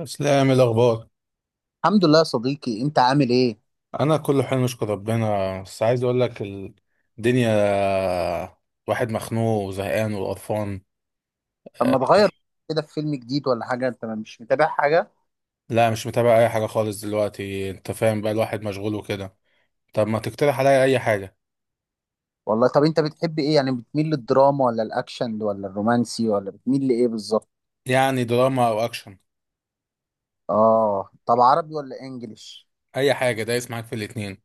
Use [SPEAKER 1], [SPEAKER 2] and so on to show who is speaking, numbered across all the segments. [SPEAKER 1] اسلام الاخبار.
[SPEAKER 2] الحمد لله يا صديقي، انت عامل ايه؟
[SPEAKER 1] انا كله حلو نشكر ربنا بس عايز اقول لك الدنيا. واحد مخنوق وزهقان وقرفان.
[SPEAKER 2] طب
[SPEAKER 1] آه،
[SPEAKER 2] ما تغير كده؟ في فيلم جديد ولا حاجه؟ انت مش متابع حاجه؟
[SPEAKER 1] لا مش متابع اي حاجه خالص دلوقتي، انت فاهم بقى الواحد مشغول وكده. طب ما تقترح عليا اي حاجه.
[SPEAKER 2] والله، طب انت بتحب ايه؟ يعني بتميل للدراما ولا الاكشن ولا الرومانسي ولا بتميل لايه بالظبط؟
[SPEAKER 1] يعني دراما او اكشن.
[SPEAKER 2] اه، طب عربي ولا انجليش؟
[SPEAKER 1] اي حاجه دايس معاك في الاتنين.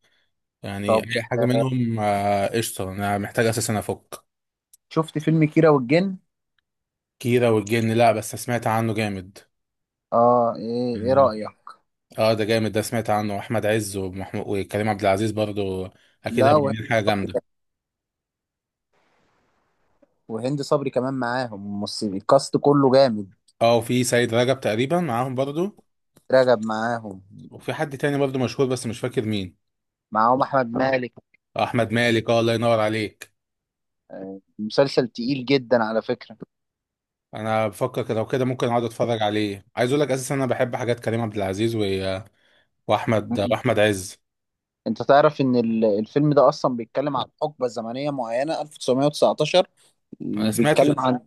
[SPEAKER 1] يعني
[SPEAKER 2] طب،
[SPEAKER 1] اي حاجه منهم، قشطه، انا محتاج اساسا افك.
[SPEAKER 2] شفت فيلم كيرة والجن؟
[SPEAKER 1] كيرة والجن، لا بس سمعت عنه جامد.
[SPEAKER 2] اه، ايه
[SPEAKER 1] يعني.
[SPEAKER 2] رايك؟
[SPEAKER 1] اه ده جامد ده، سمعت عنه احمد عز ومحمود وكريم عبد العزيز برضو. اكيد
[SPEAKER 2] لا،
[SPEAKER 1] هيبقوا عاملين حاجه جامده.
[SPEAKER 2] وهند صبري كمان معاهم. ممثل الكاست كله جامد.
[SPEAKER 1] اه وفي سيد رجب تقريبا معاهم برضو.
[SPEAKER 2] رجب معاهم.
[SPEAKER 1] وفي حد تاني برضو مشهور بس مش فاكر مين.
[SPEAKER 2] معاهم احمد مالك.
[SPEAKER 1] احمد مالك، اه الله ينور عليك.
[SPEAKER 2] مسلسل تقيل جدا على فكره.
[SPEAKER 1] انا بفكر كده وكده ممكن اقعد اتفرج عليه. عايز اقول لك اساسا انا بحب حاجات كريم عبد العزيز واحمد عز.
[SPEAKER 2] انت تعرف ان الفيلم ده اصلا بيتكلم عن حقبة زمنية معينة، 1919،
[SPEAKER 1] انا سمعت،
[SPEAKER 2] وبيتكلم عن...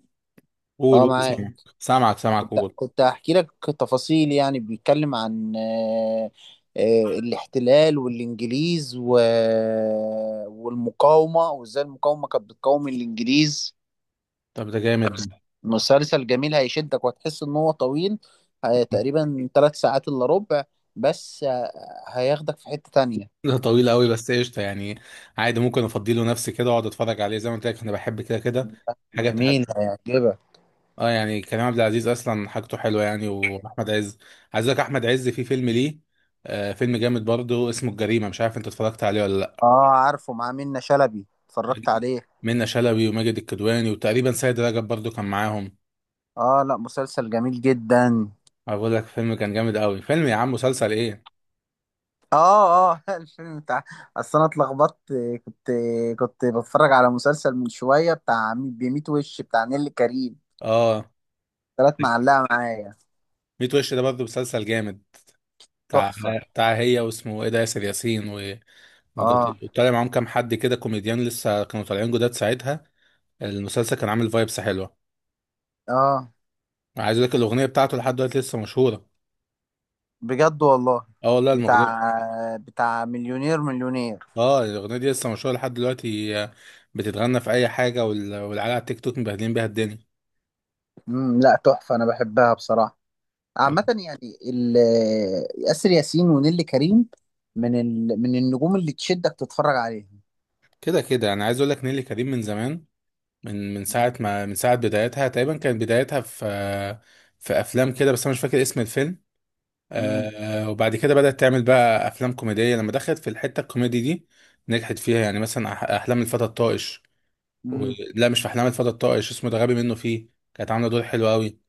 [SPEAKER 1] قول
[SPEAKER 2] اه،
[SPEAKER 1] قول
[SPEAKER 2] معاك.
[SPEAKER 1] سامعك سامعك سامعك
[SPEAKER 2] كنت
[SPEAKER 1] قول.
[SPEAKER 2] كنت هحكي لك تفاصيل، يعني بيتكلم عن الاحتلال والانجليز و... والمقاومة، وازاي المقاومة كانت بتقاوم الانجليز.
[SPEAKER 1] طب ده جامد ده.
[SPEAKER 2] مسلسل جميل هيشدك، وهتحس ان هو طويل. تقريبا 3 ساعات الا ربع. بس هياخدك في حتة تانية.
[SPEAKER 1] ده طويل قوي بس قشطه يعني، عادي ممكن افضي له نفسي كده واقعد اتفرج عليه. زي ما قلت لك انا بحب كده كده حاجه بتاعت.
[SPEAKER 2] جميل، هيعجبك.
[SPEAKER 1] اه يعني كريم عبد العزيز اصلا حاجته حلوه يعني، واحمد عز. عايز اقول لك احمد عز في فيلم ليه، آه فيلم جامد برضه اسمه الجريمه، مش عارف انت اتفرجت عليه ولا لا.
[SPEAKER 2] اه، عارفه، مع منة شلبي، اتفرجت عليه.
[SPEAKER 1] منة شلبي وماجد الكدواني وتقريبا سيد رجب برضه كان معاهم.
[SPEAKER 2] اه لا، مسلسل جميل جدا.
[SPEAKER 1] اقول لك فيلم كان جامد قوي. فيلم يا عم، مسلسل ايه.
[SPEAKER 2] اه، اه. الفيلم بتاع... اصل انا اتلخبطت. كنت كنت بتفرج على مسلسل من شويه، بتاع بميت وش، بتاع نيللي كريم.
[SPEAKER 1] اه
[SPEAKER 2] طلعت معلقه معايا.
[SPEAKER 1] 100 وش ده برضه مسلسل جامد، بتاع
[SPEAKER 2] تحفه.
[SPEAKER 1] هي واسمه ايه ده، ياسر ياسين
[SPEAKER 2] اه،
[SPEAKER 1] وطالع معاهم كام حد كده كوميديان لسه كانوا طالعين جداد ساعتها. المسلسل كان عامل فايبس حلوه.
[SPEAKER 2] اه،
[SPEAKER 1] عايز اقول لك الاغنيه بتاعته لحد دلوقتي لسه مشهوره.
[SPEAKER 2] بجد والله؟
[SPEAKER 1] اه والله
[SPEAKER 2] بتاع
[SPEAKER 1] الاغنيه،
[SPEAKER 2] بتاع مليونير مليونير.
[SPEAKER 1] اه الاغنيه دي لسه مشهوره لحد دلوقتي، بتتغنى في اي حاجه والعيال على التيك توك مبهدلين بيها الدنيا.
[SPEAKER 2] لا، تحفه، انا بحبها بصراحه. عامه، يعني آسر ياسين ونيللي كريم، من النجوم اللي تشدك تتفرج عليها.
[SPEAKER 1] كده كده انا عايز اقول لك نيلي كريم من زمان. من ساعه ما، من ساعه بدايتها تقريبا كانت بدايتها في في افلام كده بس انا مش فاكر اسم الفيلم.
[SPEAKER 2] امم.
[SPEAKER 1] آه وبعد كده بدات تعمل بقى افلام كوميديه لما دخلت في الحته الكوميدي دي نجحت فيها. يعني مثلا احلام الفتى الطائش و...
[SPEAKER 2] امم.
[SPEAKER 1] لا مش في احلام الفتى الطائش، اسمه ده غبي منه فيه. كانت عامله دور حلو قوي،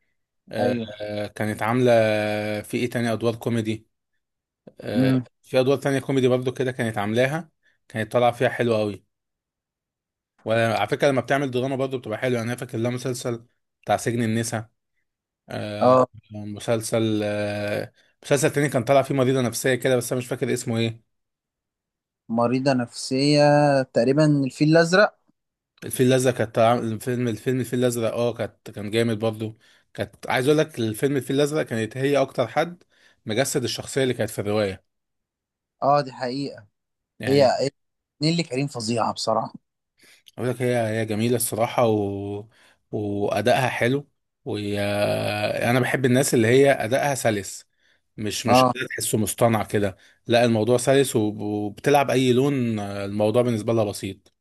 [SPEAKER 2] ايوه.
[SPEAKER 1] كانت عاملة في ايه تاني ادوار كوميدي. آه،
[SPEAKER 2] امم.
[SPEAKER 1] في ادوار تانية كوميدي برضو كده كانت عاملاها، كانت طالعة فيها حلوة قوي. وعلى فكرة لما بتعمل دراما برضو بتبقى حلوة. يعني انا فاكر لها مسلسل بتاع سجن النساء، آه،
[SPEAKER 2] اه،
[SPEAKER 1] مسلسل، مسلسل تاني كان طالع فيه مريضة نفسية كده بس انا مش فاكر اسمه ايه.
[SPEAKER 2] مريضة نفسية. تقريبا الفيل الأزرق.
[SPEAKER 1] الفيل الازرق، الفيل الازرق، اه كان جامد برضو. كانت، عايز اقول لك الفيلم الفيل الازرق كانت هي اكتر حد مجسد الشخصية اللي كانت في الرواية.
[SPEAKER 2] اه، دي حقيقة. هي
[SPEAKER 1] يعني
[SPEAKER 2] هي نيللي كريم فظيعة بصراحة.
[SPEAKER 1] اقول لك هي هي جميله الصراحه وادائها حلو. وهي، انا بحب الناس اللي هي ادائها سلس، مش
[SPEAKER 2] اه،
[SPEAKER 1] أداء تحسه مصطنع كده. لا الموضوع سلس وبتلعب اي لون، الموضوع بالنسبه لها بسيط.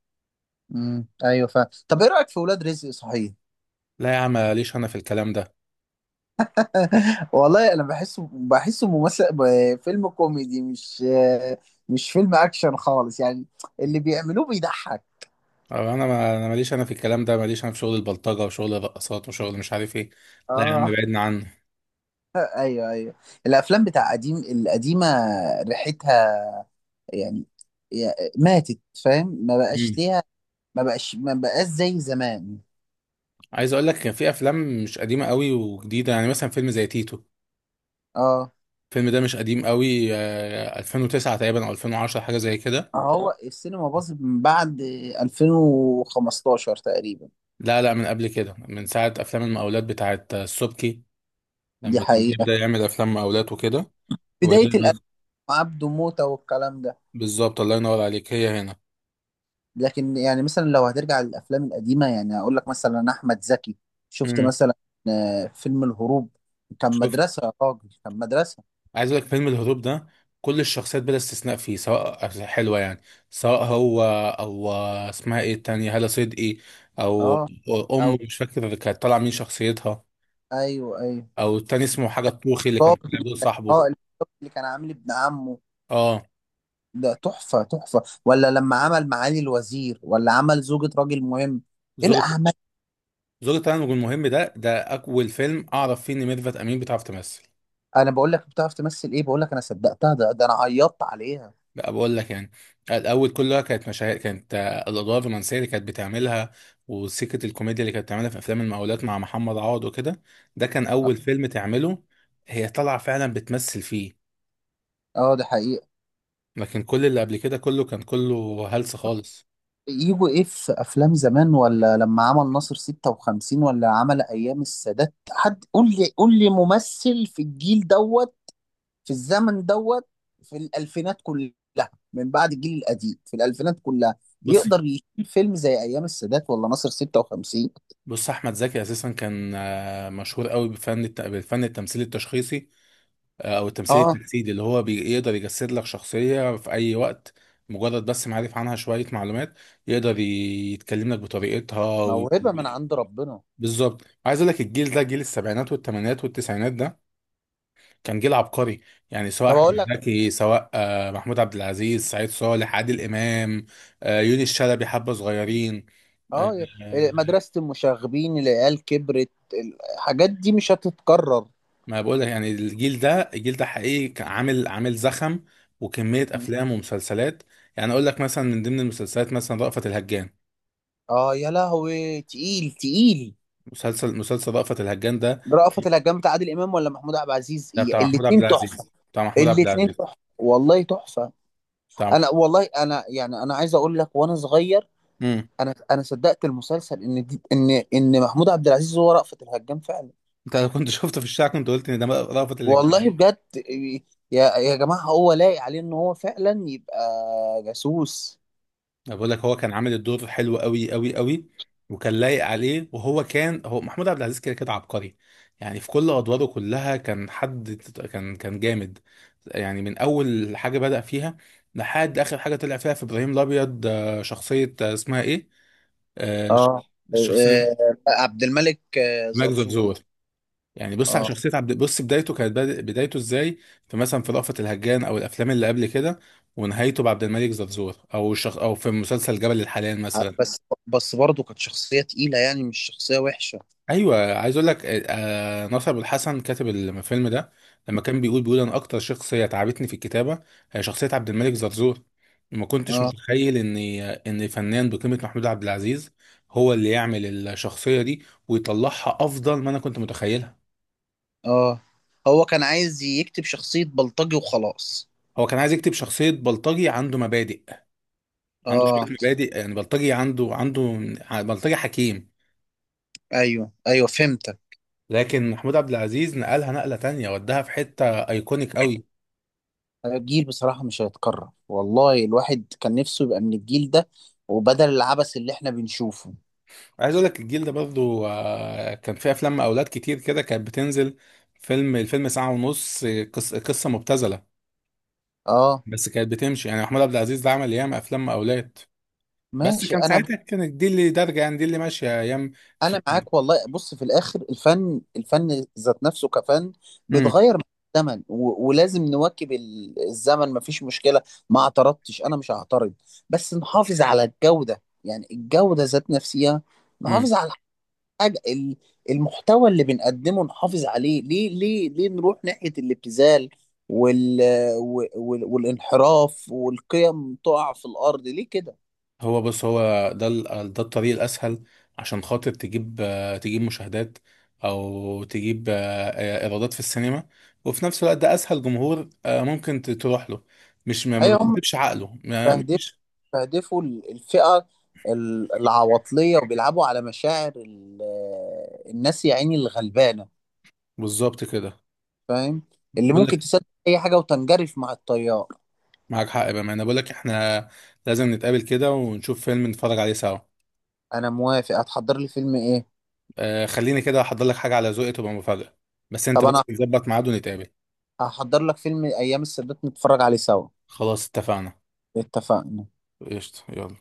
[SPEAKER 2] امم، ايوه، فا طب ايه رأيك في ولاد رزق؟ صحيح.
[SPEAKER 1] لا يا عم ماليش انا في الكلام ده.
[SPEAKER 2] والله انا بحسه ممثل فيلم كوميدي، مش فيلم اكشن خالص يعني. اللي بيعملوه بيضحك.
[SPEAKER 1] أو انا ما انا ماليش انا في الكلام ده، ماليش انا في شغل البلطجه وشغل الرقصات وشغل مش عارف ايه. لا يا عم
[SPEAKER 2] اه،
[SPEAKER 1] بعدنا عنه.
[SPEAKER 2] ايوه، ايوه. الافلام بتاع قديم القديمة، ريحتها يعني ماتت، فاهم؟ ما بقاش
[SPEAKER 1] مم.
[SPEAKER 2] ليها. ما بقاش زي زمان.
[SPEAKER 1] عايز اقول لك كان في افلام مش قديمه قوي وجديده، يعني مثلا فيلم زي تيتو.
[SPEAKER 2] اه،
[SPEAKER 1] الفيلم ده مش قديم قوي، 2009 تقريبا او 2010، حاجه زي كده.
[SPEAKER 2] هو السينما باظت من بعد 2015 تقريبا.
[SPEAKER 1] لا لا من قبل كده، من ساعه افلام المقاولات بتاعت السبكي،
[SPEAKER 2] دي
[SPEAKER 1] لما كان
[SPEAKER 2] حقيقة.
[SPEAKER 1] بيبدا يعمل افلام مقاولات وكده. وهي
[SPEAKER 2] بداية الألف، عبده موتة والكلام ده.
[SPEAKER 1] بالظبط، الله ينور عليك، هي هنا.
[SPEAKER 2] لكن يعني مثلا، لو هترجع للأفلام القديمة، يعني أقول لك مثلا أحمد زكي. شفت
[SPEAKER 1] امم
[SPEAKER 2] مثلا فيلم الهروب؟ كان
[SPEAKER 1] شفت،
[SPEAKER 2] مدرسة يا راجل، كان مدرسة.
[SPEAKER 1] عايز اقول لك فيلم الهروب ده كل الشخصيات بلا استثناء فيه سواء حلوه. يعني سواء هو او اسمها ايه التانية هالة صدقي، او
[SPEAKER 2] اه، أو
[SPEAKER 1] امه مش فاكر كانت طالعه مين شخصيتها،
[SPEAKER 2] أيوه، أيوه،
[SPEAKER 1] او التاني اسمه حاجه الطوخي اللي كان
[SPEAKER 2] ضابط.
[SPEAKER 1] طالع دور صاحبه.
[SPEAKER 2] اه، الضابط اللي كان عامل ابن عمه.
[SPEAKER 1] اه
[SPEAKER 2] ده تحفة تحفة، ولا لما عمل معالي الوزير، ولا عمل زوجة راجل مهم، ايه
[SPEAKER 1] زوجة
[SPEAKER 2] الأعمال!
[SPEAKER 1] زوجة التزوج المهم، ده أول فيلم أعرف فيه إن ميرفت أمين بتعرف تمثل.
[SPEAKER 2] انا بقول لك بتعرف تمثل ايه؟ بقول لك، انا صدقتها. ده انا عيطت عليها.
[SPEAKER 1] بقى بقول لك يعني الأول كلها كانت مشاهد، كانت الأدوار الرومانسية اللي كانت بتعملها وسكة الكوميديا اللي كانت بتعملها في أفلام المقاولات مع محمد عوض وكده. ده كان أول فيلم تعمله هي طالعة فعلا بتمثل فيه.
[SPEAKER 2] اه، ده حقيقة.
[SPEAKER 1] لكن كل اللي قبل كده كله كان كله هلس خالص.
[SPEAKER 2] يجوا ايه في افلام زمان؟ ولا لما عمل ناصر 56، ولا عمل ايام السادات، حد قول لي قول لي ممثل في الجيل دوت، في الزمن دوت، في الالفينات كلها. من بعد الجيل القديم، في الالفينات كلها،
[SPEAKER 1] بص
[SPEAKER 2] يقدر يشيل فيلم زي ايام السادات ولا ناصر 56؟
[SPEAKER 1] بص، أحمد زكي أساسا كان مشهور قوي بالفن التمثيلي التشخيصي، او التمثيل التجسيدي، اللي هو بيقدر يجسد لك شخصية في اي وقت. مجرد بس معرف عنها شوية معلومات، يقدر يتكلم لك بطريقتها
[SPEAKER 2] موهبة من عند ربنا.
[SPEAKER 1] بالظبط، عايز اقول لك الجيل ده، جيل السبعينات والثمانينات والتسعينات ده، كان جيل عبقري. يعني سواء
[SPEAKER 2] طب اقول
[SPEAKER 1] احمد
[SPEAKER 2] لك،
[SPEAKER 1] زكي، سواء محمود عبد العزيز، سعيد صالح، عادل امام، يونس شلبي، حبة صغيرين.
[SPEAKER 2] اه،
[SPEAKER 1] آه،
[SPEAKER 2] مدرسة المشاغبين، العيال كبرت. الحاجات دي مش هتتكرر.
[SPEAKER 1] ما بقول لك يعني الجيل ده الجيل ده حقيقي كان عامل زخم وكمية أفلام ومسلسلات. يعني أقول لك مثلا من ضمن المسلسلات مثلا رأفت الهجان.
[SPEAKER 2] اه، يا لهوي، تقيل تقيل.
[SPEAKER 1] مسلسل رأفت الهجان ده،
[SPEAKER 2] رأفت الهجان بتاع عادل امام ولا محمود عبد العزيز؟
[SPEAKER 1] بتاع محمود عبد
[SPEAKER 2] الاتنين تحفة.
[SPEAKER 1] العزيز، بتاع محمود عبد
[SPEAKER 2] الاتنين
[SPEAKER 1] العزيز،
[SPEAKER 2] تحفة والله، تحفة.
[SPEAKER 1] بتاع محمود.
[SPEAKER 2] انا والله، انا يعني، انا عايز اقول لك، وانا صغير...
[SPEAKER 1] امم
[SPEAKER 2] انا صدقت المسلسل ان دي ان ان محمود عبد العزيز هو رأفت الهجان فعلا.
[SPEAKER 1] انت لو كنت شفته في الشارع كنت قلت ان ده رأفت الهجان.
[SPEAKER 2] والله بجد. يا جماعة، هو لايق عليه ان هو فعلا يبقى جاسوس.
[SPEAKER 1] أنا بقول لك هو كان عامل الدور حلو قوي قوي قوي، وكان لايق عليه. وهو كان، هو محمود عبد العزيز كده كده عبقري. يعني في كل ادواره كلها كان حد، كان جامد. يعني من اول حاجه بدأ فيها لحد اخر حاجه طلع فيها في ابراهيم الابيض، شخصيه، اسمها ايه، آه، ش-
[SPEAKER 2] اه،
[SPEAKER 1] الشخصيه
[SPEAKER 2] عبد الملك
[SPEAKER 1] ماجد
[SPEAKER 2] زرزور.
[SPEAKER 1] زرزور. يعني بص على
[SPEAKER 2] اه
[SPEAKER 1] شخصيه عبد، بص بدايته كانت بدايته ازاي في مثلا في رأفت الهجان او الافلام اللي قبل كده، ونهايته بعبد الملك زرزور، او في مسلسل جبل الحلال مثلا.
[SPEAKER 2] بس، بس برضه كانت شخصية تقيلة، يعني مش شخصية وحشة.
[SPEAKER 1] ايوه عايز اقول لك ناصر أبو الحسن كاتب الفيلم ده، لما كان بيقول، بيقول انا اكتر شخصيه تعبتني في الكتابه هي شخصيه عبد الملك زرزور. ما كنتش
[SPEAKER 2] اه،
[SPEAKER 1] متخيل ان فنان بقيمه محمود عبد العزيز هو اللي يعمل الشخصيه دي ويطلعها افضل ما انا كنت متخيلها.
[SPEAKER 2] اه، هو كان عايز يكتب شخصية بلطجي وخلاص.
[SPEAKER 1] هو كان عايز يكتب شخصيه بلطجي عنده مبادئ، عنده
[SPEAKER 2] اه،
[SPEAKER 1] شويه مبادئ، يعني بلطجي عنده بلطجي حكيم.
[SPEAKER 2] ايوه ايوه، فهمتك.
[SPEAKER 1] لكن محمود عبد العزيز نقلها نقله تانية وداها في حته ايكونيك قوي.
[SPEAKER 2] الجيل بصراحة مش هيتكرر والله. الواحد كان نفسه يبقى من الجيل ده، وبدل العبث اللي احنا بنشوفه.
[SPEAKER 1] عايز اقول لك الجيل ده برضو كان فيه افلام اولاد كتير كده كانت بتنزل. فيلم الفيلم ساعة ونص، قصة مبتذلة،
[SPEAKER 2] اه،
[SPEAKER 1] بس كانت بتمشي. يعني محمود عبد العزيز ده عمل ياما افلام اولاد، بس
[SPEAKER 2] ماشي،
[SPEAKER 1] كان
[SPEAKER 2] انا.
[SPEAKER 1] ساعتها كانت دي اللي دارجة، يعني دي اللي ماشية ايام في...
[SPEAKER 2] انا معاك والله. بص، في الاخر الفن، الفن ذات نفسه كفن،
[SPEAKER 1] مم.
[SPEAKER 2] بيتغير مع الزمن، ولازم نواكب الزمن، مفيش مشكله. ما اعترضتش، انا مش هعترض. بس نحافظ على الجوده، يعني الجوده ذات نفسها.
[SPEAKER 1] مم.
[SPEAKER 2] نحافظ على الحاجه ال- المحتوى اللي بنقدمه، نحافظ عليه. ليه ليه ليه نروح ناحيه الابتذال وال والانحراف، والقيم تقع في الارض، ليه كده؟
[SPEAKER 1] هو بص، هو ده ده الطريق الاسهل عشان خاطر تجيب، تجيب مشاهدات، او تجيب ايرادات في السينما. وفي نفس الوقت ده اسهل جمهور ممكن تروح له. مش ما
[SPEAKER 2] ايوه، هم
[SPEAKER 1] بتكتبش عقله، مفيش.
[SPEAKER 2] بيستهدفوا الفئة العواطلية، وبيلعبوا على مشاعر الناس يا عيني الغلبانة.
[SPEAKER 1] بالظبط كده،
[SPEAKER 2] فاهم؟ اللي
[SPEAKER 1] بقول
[SPEAKER 2] ممكن
[SPEAKER 1] لك.
[SPEAKER 2] تصدق أي حاجة، وتنجرف مع التيار.
[SPEAKER 1] معاك حق بقى، انا بقول لك احنا لازم نتقابل كده ونشوف فيلم نتفرج عليه سوا.
[SPEAKER 2] أنا موافق. هتحضر لي فيلم إيه؟
[SPEAKER 1] آه خليني كده احضر لك حاجه على ذوقي تبقى مفاجاه، بس انت
[SPEAKER 2] طب
[SPEAKER 1] بس
[SPEAKER 2] أنا
[SPEAKER 1] نظبط ميعاد ونتقابل.
[SPEAKER 2] هحضر لك فيلم أيام السادات، نتفرج عليه سوا.
[SPEAKER 1] خلاص اتفقنا.
[SPEAKER 2] اتفقنا.
[SPEAKER 1] قشطه، يلا.